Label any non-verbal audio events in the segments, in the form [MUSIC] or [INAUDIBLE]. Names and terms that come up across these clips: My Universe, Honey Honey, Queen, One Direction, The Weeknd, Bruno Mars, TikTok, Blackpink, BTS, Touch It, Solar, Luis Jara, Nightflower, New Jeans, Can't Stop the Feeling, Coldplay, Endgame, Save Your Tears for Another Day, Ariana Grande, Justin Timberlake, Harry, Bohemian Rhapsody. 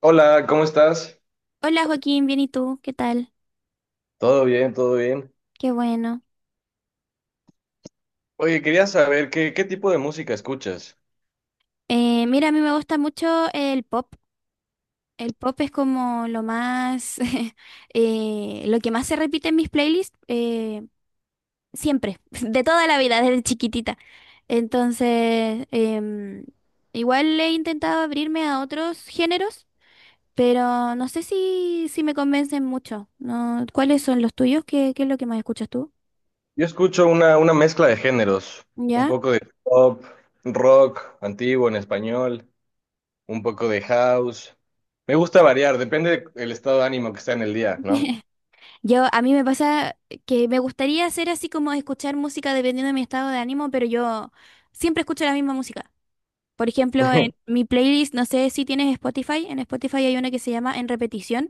Hola, ¿cómo estás? Hola Joaquín, bien, ¿y tú? ¿Qué tal? Todo bien, todo bien. Qué bueno. Oye, quería saber qué tipo de música escuchas. Mira, a mí me gusta mucho el pop. El pop es como lo más, [LAUGHS] lo que más se repite en mis playlists, siempre, [LAUGHS] de toda la vida, desde chiquitita. Entonces, igual he intentado abrirme a otros géneros, pero no sé si me convencen mucho, ¿no? ¿Cuáles son los tuyos? ¿Qué es lo que más escuchas tú? Yo escucho una mezcla de géneros, un ¿Ya? poco de pop, rock, antiguo en español, un poco de house. Me gusta variar, depende del estado de ánimo que está en el día, ¿no? [LAUGHS] A mí me pasa que me gustaría hacer así como escuchar música dependiendo de mi estado de ánimo, pero yo siempre escucho la misma música. Por [LAUGHS] ejemplo, Te en mi playlist, no sé si tienes Spotify, en Spotify hay una que se llama En repetición,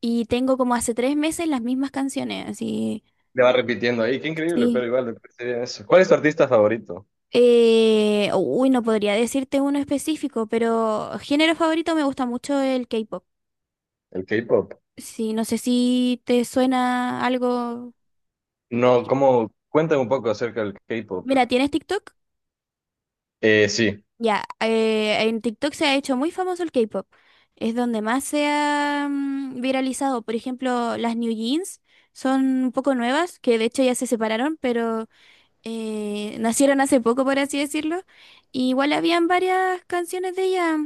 y tengo como hace tres meses las mismas canciones, así, va repitiendo ahí, qué increíble, sí. pero igual me parece bien eso. ¿Cuál es tu artista favorito? Uy, no podría decirte uno específico, pero género favorito, me gusta mucho el K-pop. ¿El K-pop? Sí, no sé si te suena algo. No, ¿cómo? Cuéntame un poco acerca del K-pop. Mira, ¿tienes TikTok? Sí. Ya, en TikTok se ha hecho muy famoso el K-pop. Es donde más se ha viralizado. Por ejemplo, las New Jeans son un poco nuevas, que de hecho ya se separaron, pero nacieron hace poco, por así decirlo. Y igual habían varias canciones de ellas,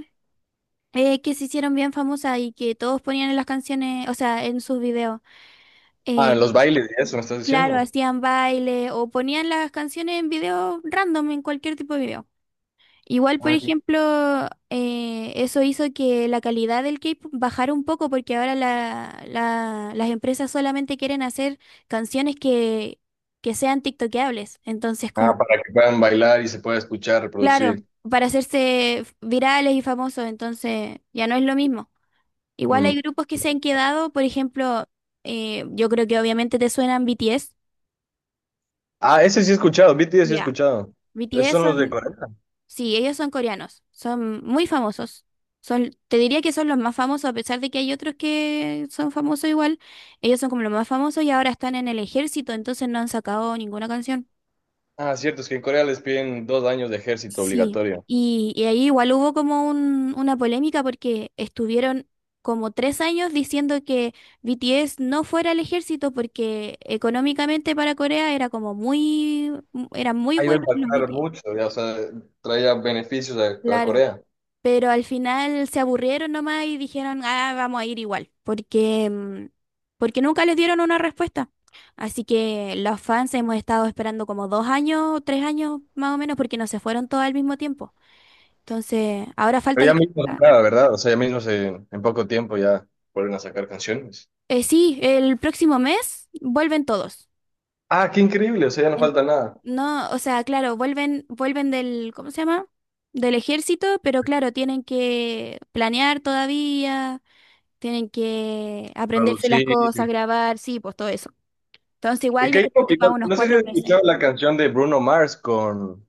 que se hicieron bien famosas y que todos ponían en las canciones, o sea, en sus videos. Ah, Eh, los bailes y eso, ¿me estás claro, diciendo? hacían baile o ponían las canciones en videos random, en cualquier tipo de video. Igual, por ejemplo, eso hizo que la calidad del K-pop bajara un poco porque ahora las empresas solamente quieren hacer canciones que sean tiktokeables. Entonces, Ah, como, para que puedan bailar y se pueda escuchar, claro, reproducir. para hacerse virales y famosos, entonces ya no es lo mismo. Igual hay Mm. grupos que se han quedado, por ejemplo, yo creo que obviamente te suenan BTS. Ah, ese sí he escuchado, BTS sí he Ya. escuchado. Esos BTS son los de son... Corea. Sí, ellos son coreanos, son muy famosos. Son, te diría que son los más famosos, a pesar de que hay otros que son famosos igual. Ellos son como los más famosos y ahora están en el ejército, entonces no han sacado ninguna canción. Ah, cierto, es que en Corea les piden 2 años de ejército Sí, obligatorio. y ahí igual hubo como una polémica porque estuvieron como tres años diciendo que BTS no fuera al ejército porque económicamente para Corea era como muy, era muy Ahí va a bueno los impactar BTS. mucho, ya, o sea, traía beneficios a Claro. Corea. Pero al final se aburrieron nomás y dijeron, ah, vamos a ir igual, porque, porque nunca les dieron una respuesta. Así que los fans hemos estado esperando como dos años, tres años más o menos, porque no se fueron todos al mismo tiempo. Entonces, ahora falta Pero ya que... mismo se ah, acaba, ¿verdad? O sea, ya mismo en poco tiempo ya vuelven a sacar canciones. Sí, el próximo mes vuelven todos. Ah, qué increíble, o sea, ya no En- falta nada. No, o sea, claro, vuelven, vuelven del, ¿cómo se llama? Del ejército, pero claro, tienen que planear todavía. Tienen que aprenderse las Producir. cosas, grabar, sí, pues todo eso. Entonces, Y igual yo creo K-pop que va unos no sé si cuatro has meses. escuchado la canción de Bruno Mars con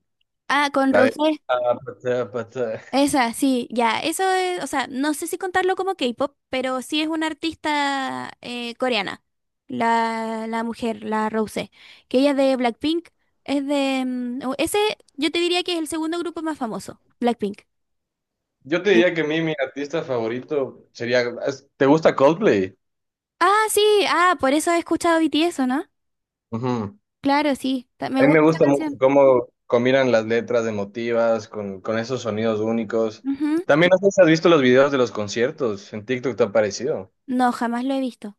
Ah, con la de... Rosé. Ah, pata, pata. Esa, sí, ya. Eso es, o sea, no sé si contarlo como K-pop, pero sí es una artista coreana. La mujer, la Rosé. Que ella es de Blackpink. Es de... yo te diría que es el segundo grupo más famoso, Blackpink. Yo te Sí. diría que a mí mi artista favorito sería... ¿Te gusta Coldplay? Ah, sí, ah, por eso he escuchado BTS, ¿o no? Ujú. Claro, sí. Me A mí me gusta esa gusta mucho canción. cómo combinan las letras emotivas con esos sonidos únicos. Ujú. También no sé si has visto los videos de los conciertos. En TikTok te ha parecido. No, jamás lo he visto.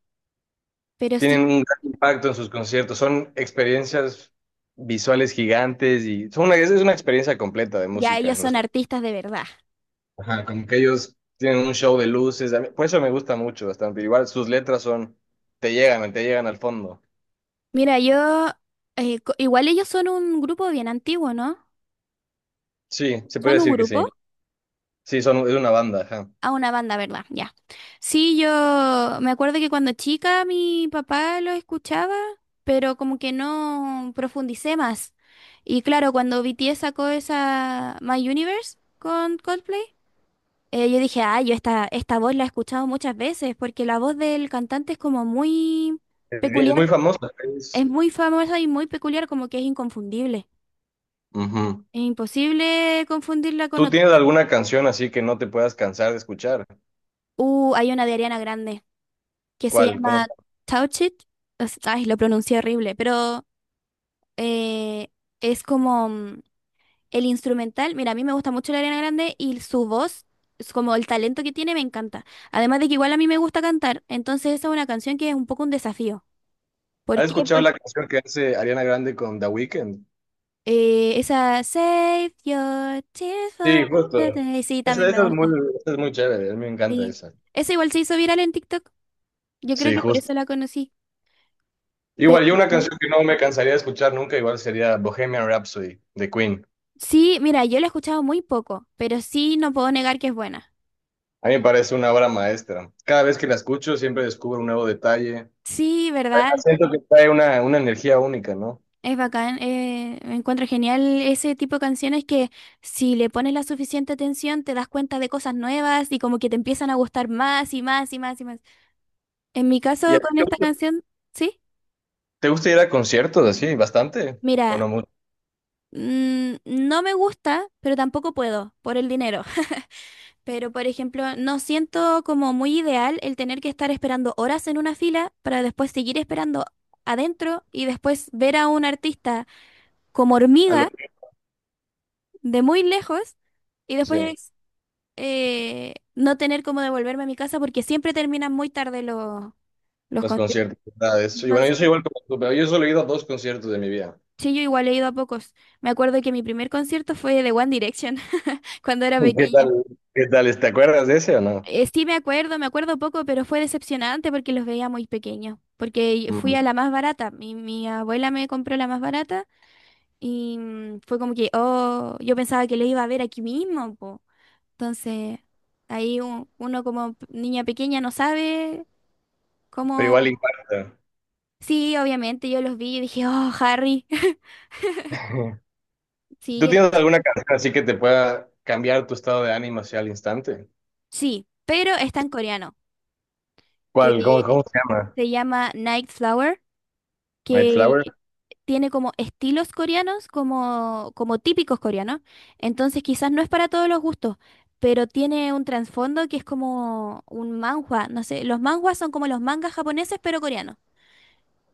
Pero sí, Tienen un gran impacto en sus conciertos. Son experiencias visuales gigantes y son una, es una experiencia completa de ya música. ellos son artistas de verdad. Ajá, como que ellos tienen un show de luces. A mí- por eso me gusta mucho bastante. Igual sus letras son... Te llegan al fondo. Mira, yo, igual ellos son un grupo bien antiguo, ¿no? Sí, se puede Son un decir que sí. grupo, Sí, son, es una banda, ajá. a una banda, ¿verdad? Ya. Sí, yo me acuerdo que cuando chica mi papá lo escuchaba, pero como que no profundicé más. Y claro, cuando BTS sacó esa My Universe con Coldplay, yo dije, ah, yo esta voz la he escuchado muchas veces, porque la voz del cantante es como muy Es, bien- es muy peculiar. famosa. Es es- muy famosa y muy peculiar, como que es inconfundible. Ujú. Es imposible confundirla con ¿Tú otra. tienes alguna canción así que no te puedas cansar de escuchar? Hay una de Ariana Grande que se ¿Cuál? ¿Cómo se- llama Touch It. Es... ay, lo pronuncié horrible, pero eh, es como el instrumental. Mira, a mí me gusta mucho la Ariana Grande y su voz, es como el talento que tiene, me encanta. Además de que igual a mí me gusta cantar, entonces esa es una canción que es un poco un desafío. ¿Por ¿Has qué? escuchado Porque la canción que hace Ariana Grande con The Weeknd? Esa Save Your Tears Sí, for justo. Another Day, sí, Esa, también me esa es muy, gusta. esa es muy chévere, a mí me encanta Sí. esa. Esa igual se hizo viral en TikTok. Yo creo Sí, que por justo. eso la conocí. Pero Igual, yo una canción que no me cansaría de escuchar nunca, igual sería Bohemian Rhapsody de Queen. sí, mira, yo la he escuchado muy poco, pero sí no puedo negar que es buena. A mí me parece una obra maestra. Cada vez que la escucho siempre descubro un nuevo detalle. Sí, ¿verdad? Además, siento que trae una energía única, ¿no? Es bacán. Me encuentro genial ese tipo de canciones que si le pones la suficiente atención te das cuenta de cosas nuevas y como que te empiezan a gustar más y más y más y más. En mi ¿Y a caso ti con te esta gusta, canción, sí, te gusta ir a conciertos así? ¿Bastante? ¿O mira, no mucho? mm, no me gusta, pero tampoco puedo por el dinero. Pero, por ejemplo, no siento como muy ideal el tener que estar esperando horas en una fila para después seguir esperando adentro y después ver a un artista como A lo- hormiga de muy lejos y sí, después no tener como devolverme a mi casa porque siempre terminan muy tarde los los conciertos. conciertos. ¿Verdad? Y bueno, yo Entonces, soy igual como tú, pero yo solo he ido a dos conciertos de mi vida. sí, yo igual he ido a pocos. Me acuerdo que mi primer concierto fue de One Direction [LAUGHS] cuando era ¿Qué pequeña. tal? ¿Te acuerdas de ese o no? Sí, me acuerdo poco, pero fue decepcionante porque los veía muy pequeños. Porque fui Mm, a la más barata. Mi abuela me compró la más barata y fue como que, oh, yo pensaba que lo iba a ver aquí mismo, po. Entonces, ahí uno como niña pequeña no sabe pero cómo. igual impacta. Sí, obviamente yo los vi y dije, oh, Harry. [LAUGHS] [LAUGHS] ¿Tú Sí, tienes alguna canción así que te pueda cambiar tu estado de ánimo hacia el instante? sí, pero está en coreano, ¿Cuál? ¿Cómo que se llama? se llama Nightflower, que ¿Nightflower? tiene como estilos coreanos, como, como típicos coreanos. Entonces quizás no es para todos los gustos, pero tiene un trasfondo que es como un manhwa. No sé, los manhwas son como los mangas japoneses, pero coreanos.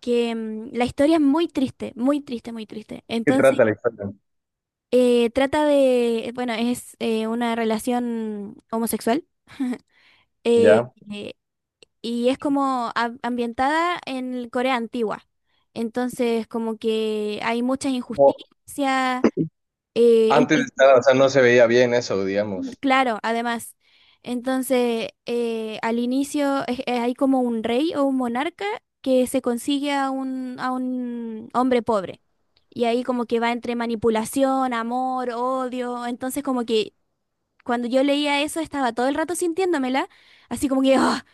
Que la historia es muy triste, muy triste, muy triste. ¿Qué Entonces trata la historia? Bueno, es una relación homosexual, eh, ¿Ya? eh, y es como ambientada en Corea antigua. Entonces como que hay muchas Como injusticias. Eh, el antes de prin- estar, o sea, no se veía bien eso, digamos. claro, además. Entonces, al inicio hay como un rey o un monarca que se consigue a a un hombre pobre. Y ahí como que va entre manipulación, amor, odio. Entonces como que cuando yo leía eso estaba todo el rato sintiéndomela, así como que, [LAUGHS] ¡ah!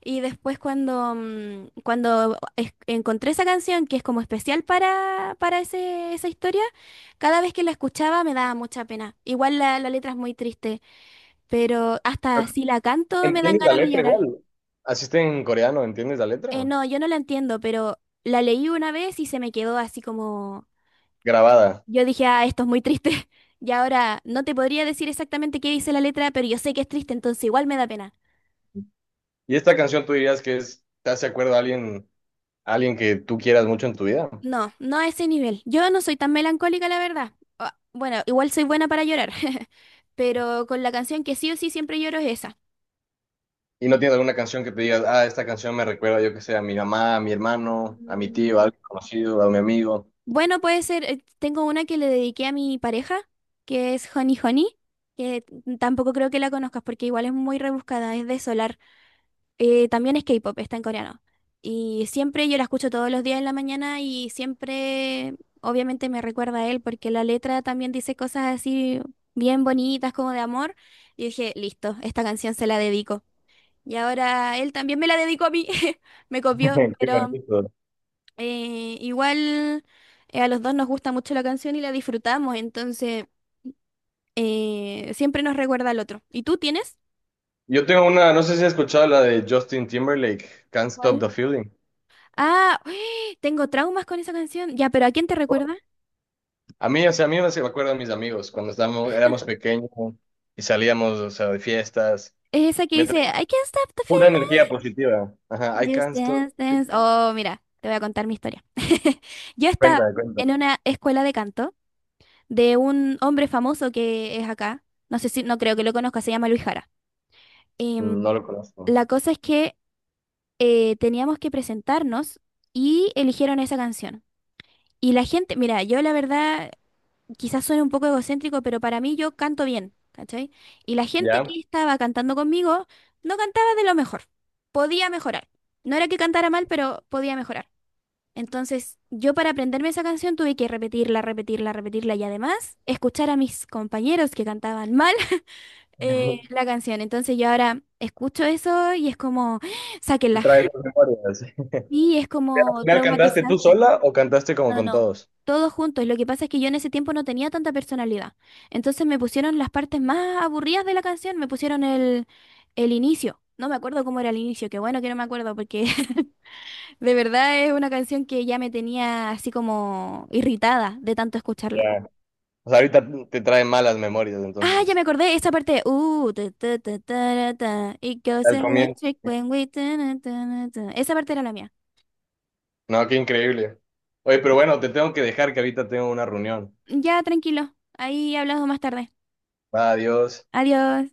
Y después cuando, cuando encontré esa canción, que es como especial para esa historia, cada vez que la escuchaba me daba mucha pena. Igual la letra es muy triste, pero hasta Pero si la canto me dan ¿Entiendes la ganas de letra llorar. igual? Así está en coreano, ¿entiendes la letra? No, yo no la entiendo, pero la leí una vez y se me quedó así como... Grabada. Yo dije, ah, esto es muy triste. [LAUGHS] Y ahora no te podría decir exactamente qué dice la letra, pero yo sé que es triste, entonces igual me da pena. Y esta canción tú dirías que es, te hace acuerdo a alguien que tú quieras mucho en tu vida. No, no a ese nivel. Yo no soy tan melancólica, la verdad. Ah, bueno, igual soy buena para llorar, [LAUGHS] pero con la canción que sí o sí siempre lloro es esa. Y no tienes alguna canción que te digas, ah, esta canción me recuerda, yo que sé, a mi mamá, a mi hermano, a mi Mm, tío, a alguien conocido, a mi amigo. bueno, puede ser, tengo una que le dediqué a mi pareja, que es Honey Honey, que tampoco creo que la conozcas porque igual es muy rebuscada, es de Solar. También es K-pop, está en coreano. Y siempre yo la escucho todos los días en la mañana y siempre, obviamente, me recuerda a él porque la letra también dice cosas así bien bonitas, como de amor. Y dije, listo, esta canción se la dedico. Y ahora él también me la dedicó a mí, [LAUGHS] me copió, [LAUGHS] Qué pero bonito. Igual a los dos nos gusta mucho la canción y la disfrutamos, entonces siempre nos recuerda al otro. ¿Y tú tienes? Yo tengo una, no sé si has escuchado la de Justin Timberlake, Can't Stop ¿Cuál? the Feeling. Ah, [GASPS] tengo traumas con esa canción. Ya, pero ¿a quién te recuerda? A mí, o sea, a mí me se me acuerdan mis amigos cuando estábamos, éramos pequeños y salíamos, o sea, de fiestas. Es esa que Me trae dice, I can't stop the pura feeling, energía positiva. Ajá, I just can't stop. dance, dance. Oh, mira, te voy a contar mi historia. [LAUGHS] Yo estaba Cuenta, cuenta. en una escuela de canto de un hombre famoso que es acá. No sé si... no creo que lo conozca, se llama Luis Jara. Em, No lo conozco. la cosa es que teníamos que presentarnos y eligieron esa canción. Y la gente, mira, yo la verdad quizás suene un poco egocéntrico, pero para mí yo canto bien, ¿cachai? Y la gente ¿Ya? que estaba cantando conmigo no cantaba de lo mejor, podía mejorar. No era que cantara mal, pero podía mejorar. Entonces, yo para aprenderme esa canción tuve que repetirla, repetirla, repetirla y además escuchar a mis compañeros que cantaban mal [LAUGHS] [LAUGHS] la canción. Entonces, yo ahora escucho eso y es como, [GASPS] ¿Te sáquenla. traes esas memorias? Y es ¿Al como final cantaste tú traumatizante. sola o cantaste como No, con no, todos? todos juntos. Lo que pasa es que yo en ese tiempo no tenía tanta personalidad. Entonces me pusieron las partes más aburridas de la canción, me pusieron el inicio. No me acuerdo cómo era el inicio, qué bueno que no me acuerdo porque [LAUGHS] de verdad es una canción que ya me tenía así como irritada de tanto escucharla. Ya. O sea, ahorita te trae malas memorias, Ah, ya entonces. me acordé, esa parte. Ta, ta, ta, ta, ta, It goes Al comienzo. electric when we ta, na, ta, na, ta. Esa parte era la mía. No, qué increíble. Oye, pero bueno, te tengo que dejar que ahorita tengo una reunión. Ya, tranquilo. Ahí hablamos más tarde. Va, adiós. Adiós.